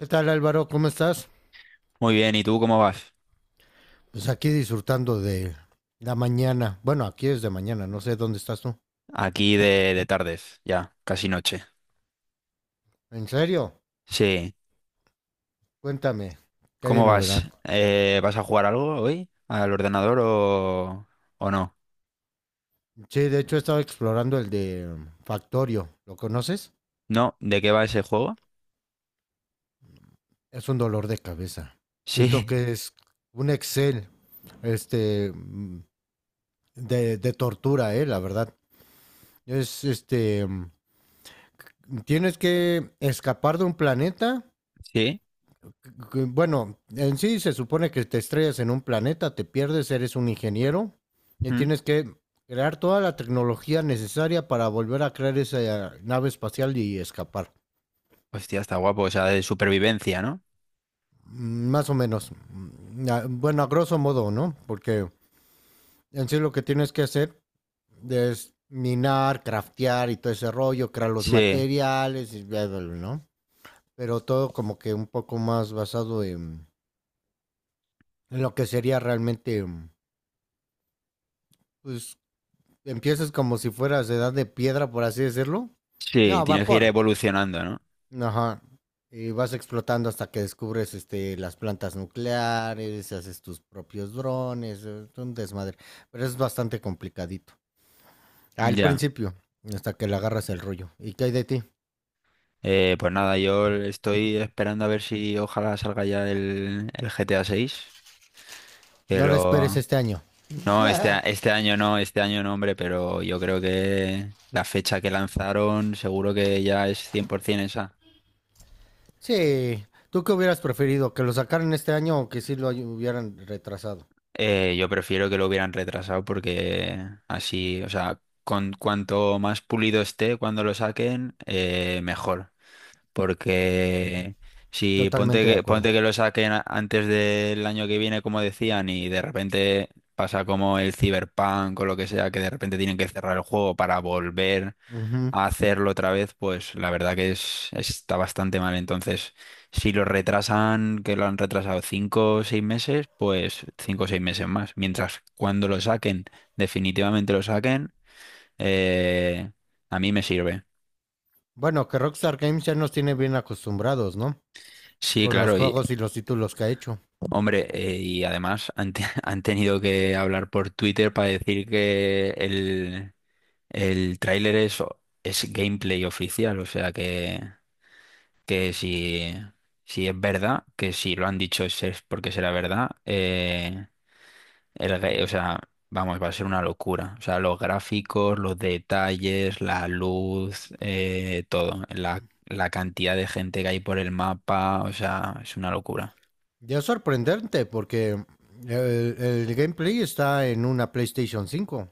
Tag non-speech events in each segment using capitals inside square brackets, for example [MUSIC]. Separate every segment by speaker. Speaker 1: ¿Qué tal, Álvaro? ¿Cómo estás?
Speaker 2: Muy bien, ¿y tú cómo vas?
Speaker 1: Pues aquí disfrutando de la mañana. Bueno, aquí es de mañana, no sé dónde estás tú.
Speaker 2: Aquí de tardes, ya, casi noche.
Speaker 1: ¿En serio?
Speaker 2: Sí,
Speaker 1: Cuéntame, ¿qué hay de
Speaker 2: ¿cómo
Speaker 1: novedad?
Speaker 2: vas? ¿Vas a jugar algo hoy? ¿Al ordenador o no?
Speaker 1: Sí, de hecho he estado explorando el de Factorio. ¿Lo conoces?
Speaker 2: ¿No? ¿De qué va ese juego?
Speaker 1: Es un dolor de cabeza. Siento
Speaker 2: Sí,
Speaker 1: que es un Excel, este, mm, de tortura, la verdad. Es, este, mm, Tienes que escapar de un planeta.
Speaker 2: [LAUGHS] sí.
Speaker 1: Bueno, en sí se supone que te estrellas en un planeta, te pierdes, eres un ingeniero y
Speaker 2: ¿Mm?
Speaker 1: tienes que crear toda la tecnología necesaria para volver a crear esa nave espacial y escapar.
Speaker 2: Hostia, está guapo, o sea, de supervivencia, ¿no?
Speaker 1: Más o menos. Bueno, a grosso modo, ¿no? Porque en sí lo que tienes que hacer es minar, craftear y todo ese rollo, crear los
Speaker 2: Sí,
Speaker 1: materiales, y bla, bla, bla, ¿no? Pero todo como que un poco más basado en lo que sería realmente, pues, empiezas como si fueras de edad de piedra, por así decirlo.
Speaker 2: sí,
Speaker 1: No,
Speaker 2: tienes que ir
Speaker 1: vapor.
Speaker 2: evolucionando, ¿no?
Speaker 1: Ajá. Y vas explotando hasta que descubres las plantas nucleares, haces tus propios drones, es un desmadre. Pero es bastante complicadito. Al
Speaker 2: Ya.
Speaker 1: principio, hasta que le agarras el rollo. ¿Y qué hay de ti?
Speaker 2: Pues nada, yo estoy esperando a ver si ojalá salga ya el GTA 6, que
Speaker 1: No lo esperes
Speaker 2: lo,
Speaker 1: este año.
Speaker 2: no, este, este año no, hombre, pero yo creo que la fecha que lanzaron seguro que ya es 100% esa.
Speaker 1: Sí. ¿Tú qué hubieras preferido? ¿Que lo sacaran este año o que sí lo hubieran retrasado?
Speaker 2: Yo prefiero que lo hubieran retrasado porque así, o sea, con cuanto más pulido esté cuando lo saquen, mejor. Porque si ponte
Speaker 1: Totalmente de
Speaker 2: que,
Speaker 1: acuerdo.
Speaker 2: ponte que lo saquen antes del año que viene, como decían, y de repente pasa como el Cyberpunk o lo que sea, que de repente tienen que cerrar el juego para volver
Speaker 1: Ujú.
Speaker 2: a hacerlo otra vez, pues la verdad que está bastante mal. Entonces, si lo retrasan, que lo han retrasado 5 o 6 meses, pues 5 o 6 meses más. Mientras cuando lo saquen, definitivamente lo saquen, eh, a mí me sirve.
Speaker 1: Bueno, que Rockstar Games ya nos tiene bien acostumbrados, ¿no?
Speaker 2: Sí,
Speaker 1: Con los
Speaker 2: claro, y
Speaker 1: juegos y los títulos que ha hecho.
Speaker 2: hombre, y además [LAUGHS] han tenido que hablar por Twitter para decir que el tráiler es gameplay oficial, o sea que... Que si es verdad, que si lo han dicho es porque será verdad, o sea, vamos, va a ser una locura. O sea, los gráficos, los detalles, la luz, todo, la cantidad de gente que hay por el mapa, o sea, es una locura.
Speaker 1: Ya es sorprendente porque el gameplay está en una PlayStation 5.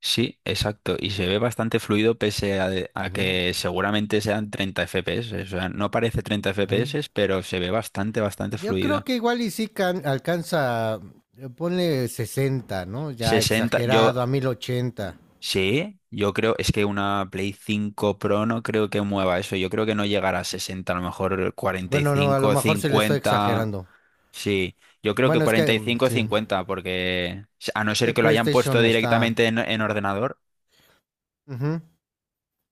Speaker 2: Sí, exacto, y se ve bastante fluido pese a
Speaker 1: Ujú,
Speaker 2: que seguramente sean 30 FPS, o sea, no parece 30
Speaker 1: ujú.
Speaker 2: FPS, pero se ve bastante, bastante
Speaker 1: Yo creo
Speaker 2: fluido.
Speaker 1: que igual y sí alcanza, ponle 60, ¿no? Ya
Speaker 2: 60, yo...
Speaker 1: exagerado, a 1080.
Speaker 2: Sí, yo creo, es que una Play 5 Pro no creo que mueva eso. Yo creo que no llegará a 60, a lo mejor cuarenta y
Speaker 1: Bueno, no, a lo
Speaker 2: cinco,
Speaker 1: mejor se le estoy
Speaker 2: 50.
Speaker 1: exagerando.
Speaker 2: Sí, yo creo que
Speaker 1: Bueno, es que
Speaker 2: cuarenta y cinco,
Speaker 1: sí.
Speaker 2: 50, porque a no ser que lo hayan puesto
Speaker 1: PlayStation está.
Speaker 2: directamente en ordenador.
Speaker 1: Ujú.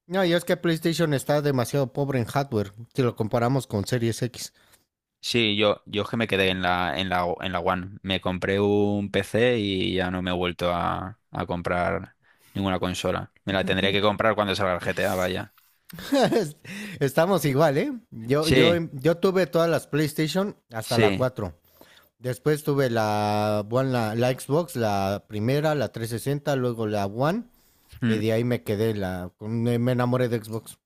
Speaker 1: No, y es que PlayStation está demasiado pobre en hardware si lo comparamos con Series X.
Speaker 2: Sí, yo es que me quedé en la One. Me compré un PC y ya no me he vuelto a comprar ninguna consola. Me la tendré que comprar cuando salga el GTA, vaya.
Speaker 1: [LAUGHS] Estamos igual, ¿eh? Yo, yo,
Speaker 2: Sí,
Speaker 1: yo tuve todas las PlayStation hasta la
Speaker 2: sí.
Speaker 1: 4. Después tuve la, bueno, la Xbox, la primera, la 360, luego la One. Y
Speaker 2: mm,
Speaker 1: de ahí me quedé, la, con- me me enamoré de Xbox.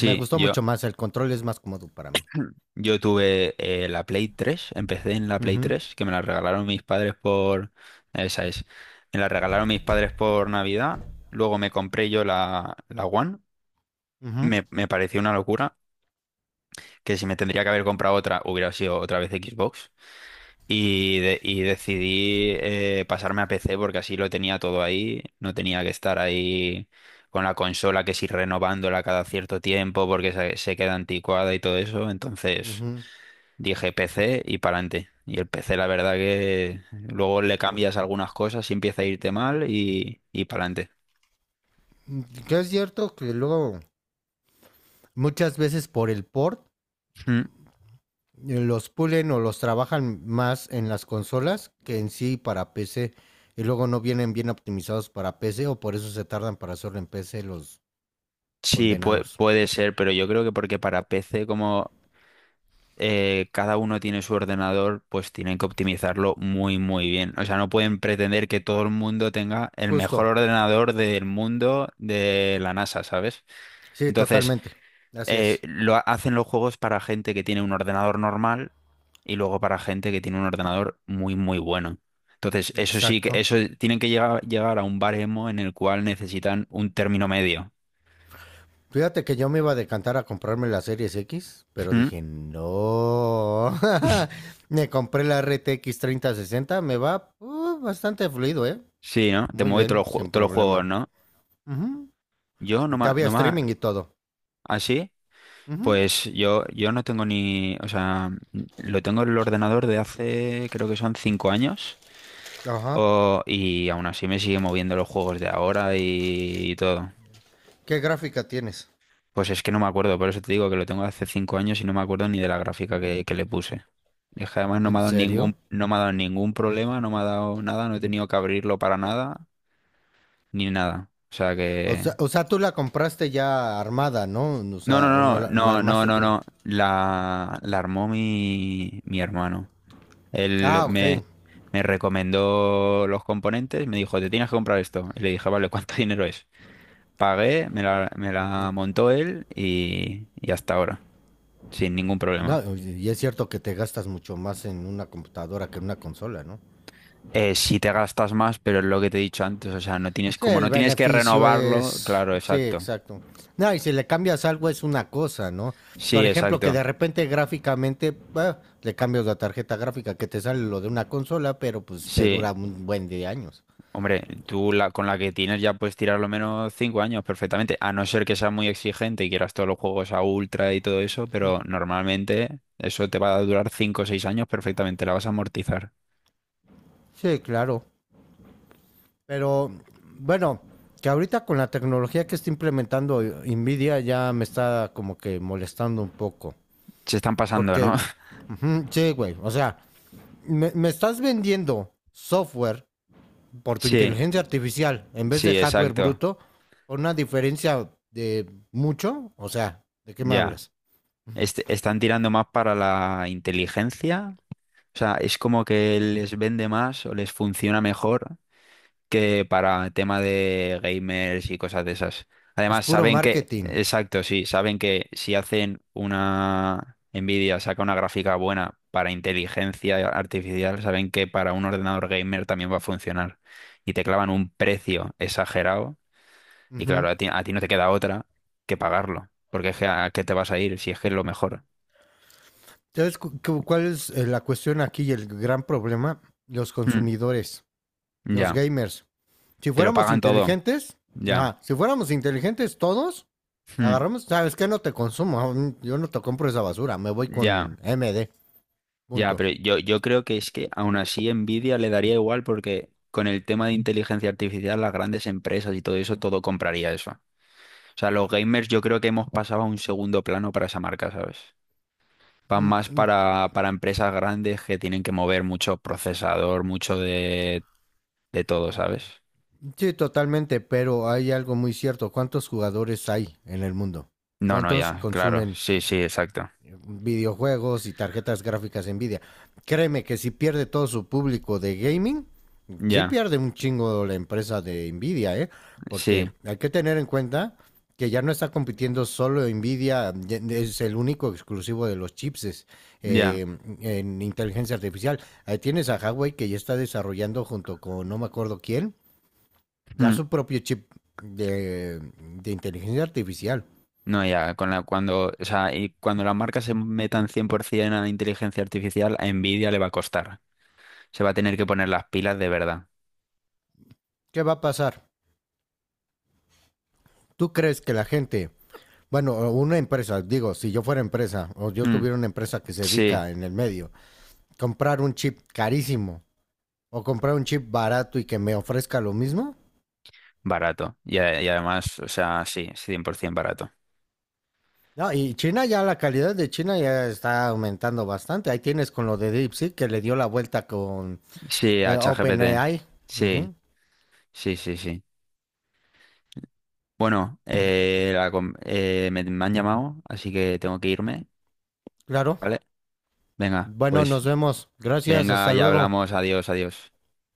Speaker 1: Me gustó
Speaker 2: yo,
Speaker 1: mucho más, el control es más cómodo para mí.
Speaker 2: Yo tuve la Play 3, empecé en la Play
Speaker 1: Ujú,
Speaker 2: 3 que me la regalaron mis padres por... Esa es. Me la regalaron mis padres por Navidad, luego me compré yo la One,
Speaker 1: ujú,
Speaker 2: me pareció una locura, que si me tendría que haber comprado otra, hubiera sido otra vez Xbox, y decidí pasarme a PC porque así lo tenía todo ahí, no tenía que estar ahí con la consola que si renovándola cada cierto tiempo porque se queda anticuada y todo eso, entonces...
Speaker 1: ujú.
Speaker 2: Dije PC y para adelante. Y el PC, la verdad que luego le cambias algunas cosas y empieza a irte mal y para adelante.
Speaker 1: Que es cierto que luego muchas veces por el port
Speaker 2: Mm,
Speaker 1: los pulen o los trabajan más en las consolas que en sí para PC. Y luego no vienen bien optimizados para PC o por eso se tardan para hacerlo en PC los
Speaker 2: sí,
Speaker 1: condenados.
Speaker 2: puede ser, pero yo creo que porque para PC, como cada uno tiene su ordenador, pues tienen que optimizarlo muy, muy bien. O sea, no pueden pretender que todo el mundo tenga el mejor
Speaker 1: Justo.
Speaker 2: ordenador del mundo de la NASA, ¿sabes?
Speaker 1: Sí,
Speaker 2: Entonces,
Speaker 1: totalmente. Así es.
Speaker 2: lo hacen los juegos para gente que tiene un ordenador normal y luego para gente que tiene un ordenador muy, muy bueno. Entonces,
Speaker 1: Exacto.
Speaker 2: eso tienen que llegar a un baremo en el cual necesitan un término medio.
Speaker 1: Fíjate que yo me iba a decantar a comprarme la Series X, pero
Speaker 2: ¿Mm?
Speaker 1: dije, no. [LAUGHS]
Speaker 2: [LAUGHS]
Speaker 1: Me compré la RTX 3060, me va bastante fluido, ¿eh?
Speaker 2: Sí, ¿no? Te
Speaker 1: Muy
Speaker 2: mueve
Speaker 1: bien,
Speaker 2: todos los, jue-
Speaker 1: sin
Speaker 2: todos los juegos,
Speaker 1: problema.
Speaker 2: ¿no?
Speaker 1: Ujú.
Speaker 2: Yo no más,
Speaker 1: Cabía
Speaker 2: no más,
Speaker 1: streaming y todo.
Speaker 2: así...
Speaker 1: Ujú.
Speaker 2: Pues yo no tengo ni, o sea, lo tengo en el ordenador de hace, creo que son 5 años,
Speaker 1: Ajá.
Speaker 2: y aún así me sigue moviendo los juegos de ahora y todo.
Speaker 1: ¿Qué gráfica tienes?
Speaker 2: Pues es que no me acuerdo, por eso te digo que lo tengo hace 5 años y no me acuerdo ni de la gráfica que le puse. Es que además no me
Speaker 1: ¿En
Speaker 2: ha dado
Speaker 1: serio?
Speaker 2: ningún, no me ha dado ningún problema, no me ha dado nada, no he tenido que abrirlo para nada, ni nada. O sea que...
Speaker 1: O sea, tú la compraste ya armada, ¿no? O
Speaker 2: No, no,
Speaker 1: sea, o no
Speaker 2: no,
Speaker 1: la,
Speaker 2: no, no,
Speaker 1: armaste
Speaker 2: no,
Speaker 1: tú.
Speaker 2: no. La armó mi hermano. Él
Speaker 1: Ah, ok.
Speaker 2: me recomendó los componentes, me dijo, te tienes que comprar esto. Y le dije, vale, [LAUGHS] ¿cuánto dinero es? Pagué, me la montó él y hasta ahora, sin ningún problema.
Speaker 1: No, y es cierto que te gastas mucho más en una computadora que en una consola, ¿no?
Speaker 2: Si te gastas más, pero es lo que te he dicho antes, o sea, no tienes,
Speaker 1: Sí,
Speaker 2: como
Speaker 1: el
Speaker 2: no tienes que
Speaker 1: beneficio
Speaker 2: renovarlo,
Speaker 1: es.
Speaker 2: claro,
Speaker 1: Sí,
Speaker 2: exacto.
Speaker 1: exacto. No, y si le cambias algo es una cosa, ¿no? Por
Speaker 2: Sí,
Speaker 1: ejemplo, que
Speaker 2: exacto.
Speaker 1: de repente gráficamente bah, le cambias la tarjeta gráfica que te sale lo de una consola, pero pues te
Speaker 2: Sí,
Speaker 1: dura un buen de años.
Speaker 2: hombre, tú con la que tienes ya puedes tirar lo menos 5 años perfectamente, a no ser que seas muy exigente y quieras todos los juegos a ultra y todo eso, pero normalmente eso te va a durar 5 o 6 años perfectamente, la vas a amortizar.
Speaker 1: Sí, claro. Pero bueno, que ahorita con la tecnología que está implementando Nvidia ya me está como que molestando un poco.
Speaker 2: Se están pasando,
Speaker 1: Porque,
Speaker 2: ¿no? [LAUGHS]
Speaker 1: ujú, sí, güey, o sea, me estás vendiendo software por tu
Speaker 2: Sí,
Speaker 1: inteligencia artificial en vez de
Speaker 2: sí,
Speaker 1: hardware
Speaker 2: exacto.
Speaker 1: bruto por una diferencia de mucho. O sea, ¿de qué me
Speaker 2: Ya.
Speaker 1: hablas?
Speaker 2: Están tirando más para la inteligencia. O sea, es como que les vende más o les funciona mejor que para tema de gamers y cosas de esas.
Speaker 1: Es
Speaker 2: Además,
Speaker 1: puro
Speaker 2: saben que,
Speaker 1: marketing.
Speaker 2: exacto, sí, saben que si hacen una Nvidia, saca una gráfica buena para inteligencia artificial, saben que para un ordenador gamer también va a funcionar. Y te clavan un precio exagerado y
Speaker 1: Ujú.
Speaker 2: claro, a ti no te queda otra que pagarlo, porque es que a qué te vas a ir si es que es lo mejor.
Speaker 1: ¿Sabes cuál es la cuestión aquí y el gran problema? Los
Speaker 2: Mm,
Speaker 1: consumidores, los
Speaker 2: ya,
Speaker 1: gamers. Si
Speaker 2: te lo
Speaker 1: fuéramos
Speaker 2: pagan todo,
Speaker 1: inteligentes,
Speaker 2: ya.
Speaker 1: ajá, si fuéramos inteligentes todos,
Speaker 2: Mm,
Speaker 1: agarramos, ¿sabes qué? No te consumo, yo no te compro esa basura, me voy
Speaker 2: ya.
Speaker 1: con MD,
Speaker 2: Ya,
Speaker 1: punto.
Speaker 2: pero yo creo que es que aún así Nvidia le daría igual porque con el tema de inteligencia artificial, las grandes empresas y todo eso, todo compraría eso. O sea, los gamers yo creo que hemos pasado a un segundo plano para esa marca, ¿sabes? Van
Speaker 1: Mm,
Speaker 2: más
Speaker 1: mm,
Speaker 2: para empresas grandes que tienen que mover mucho procesador, mucho de todo, ¿sabes?
Speaker 1: sí, totalmente, pero hay algo muy cierto. ¿Cuántos jugadores hay en el mundo?
Speaker 2: No, no,
Speaker 1: ¿Cuántos
Speaker 2: ya, claro.
Speaker 1: consumen
Speaker 2: Sí, sí, exacto.
Speaker 1: videojuegos y tarjetas gráficas Nvidia? Créeme que si pierde todo su público de gaming, sí
Speaker 2: Ya,
Speaker 1: pierde un chingo la empresa de Nvidia, ¿eh?
Speaker 2: sí,
Speaker 1: Porque hay que tener en cuenta que ya no está compitiendo solo Nvidia, es el único exclusivo de los chips
Speaker 2: ya.
Speaker 1: eh, en inteligencia artificial. Ahí tienes a Huawei que ya está desarrollando junto con no me acuerdo quién, ya
Speaker 2: Mm.
Speaker 1: su propio chip de, de inteligencia artificial.
Speaker 2: No, ya, o sea, y cuando las marcas se metan 100% a la inteligencia artificial, a Nvidia le va a costar. Se va a tener que poner las pilas de verdad.
Speaker 1: ¿Qué va a pasar? ¿Tú crees que la gente? Bueno, o una empresa, digo, si yo fuera empresa o yo
Speaker 2: Hmm,
Speaker 1: tuviera una empresa que se
Speaker 2: sí,
Speaker 1: dedica en el medio, comprar un chip carísimo o comprar un chip barato y que me ofrezca lo mismo.
Speaker 2: barato. Y además, o sea, sí, 100% barato.
Speaker 1: No, y China ya, la calidad de China ya está aumentando bastante. Ahí tienes con lo de DeepSeek que le dio la vuelta con
Speaker 2: Sí, a ChatGPT.
Speaker 1: OpenAI.
Speaker 2: Sí,
Speaker 1: Ujú.
Speaker 2: sí, sí, sí. Bueno, me han llamado, así que tengo que irme,
Speaker 1: Claro.
Speaker 2: ¿vale? Venga,
Speaker 1: Bueno,
Speaker 2: pues
Speaker 1: nos vemos. Gracias,
Speaker 2: venga,
Speaker 1: hasta
Speaker 2: ya
Speaker 1: luego.
Speaker 2: hablamos. Adiós, adiós.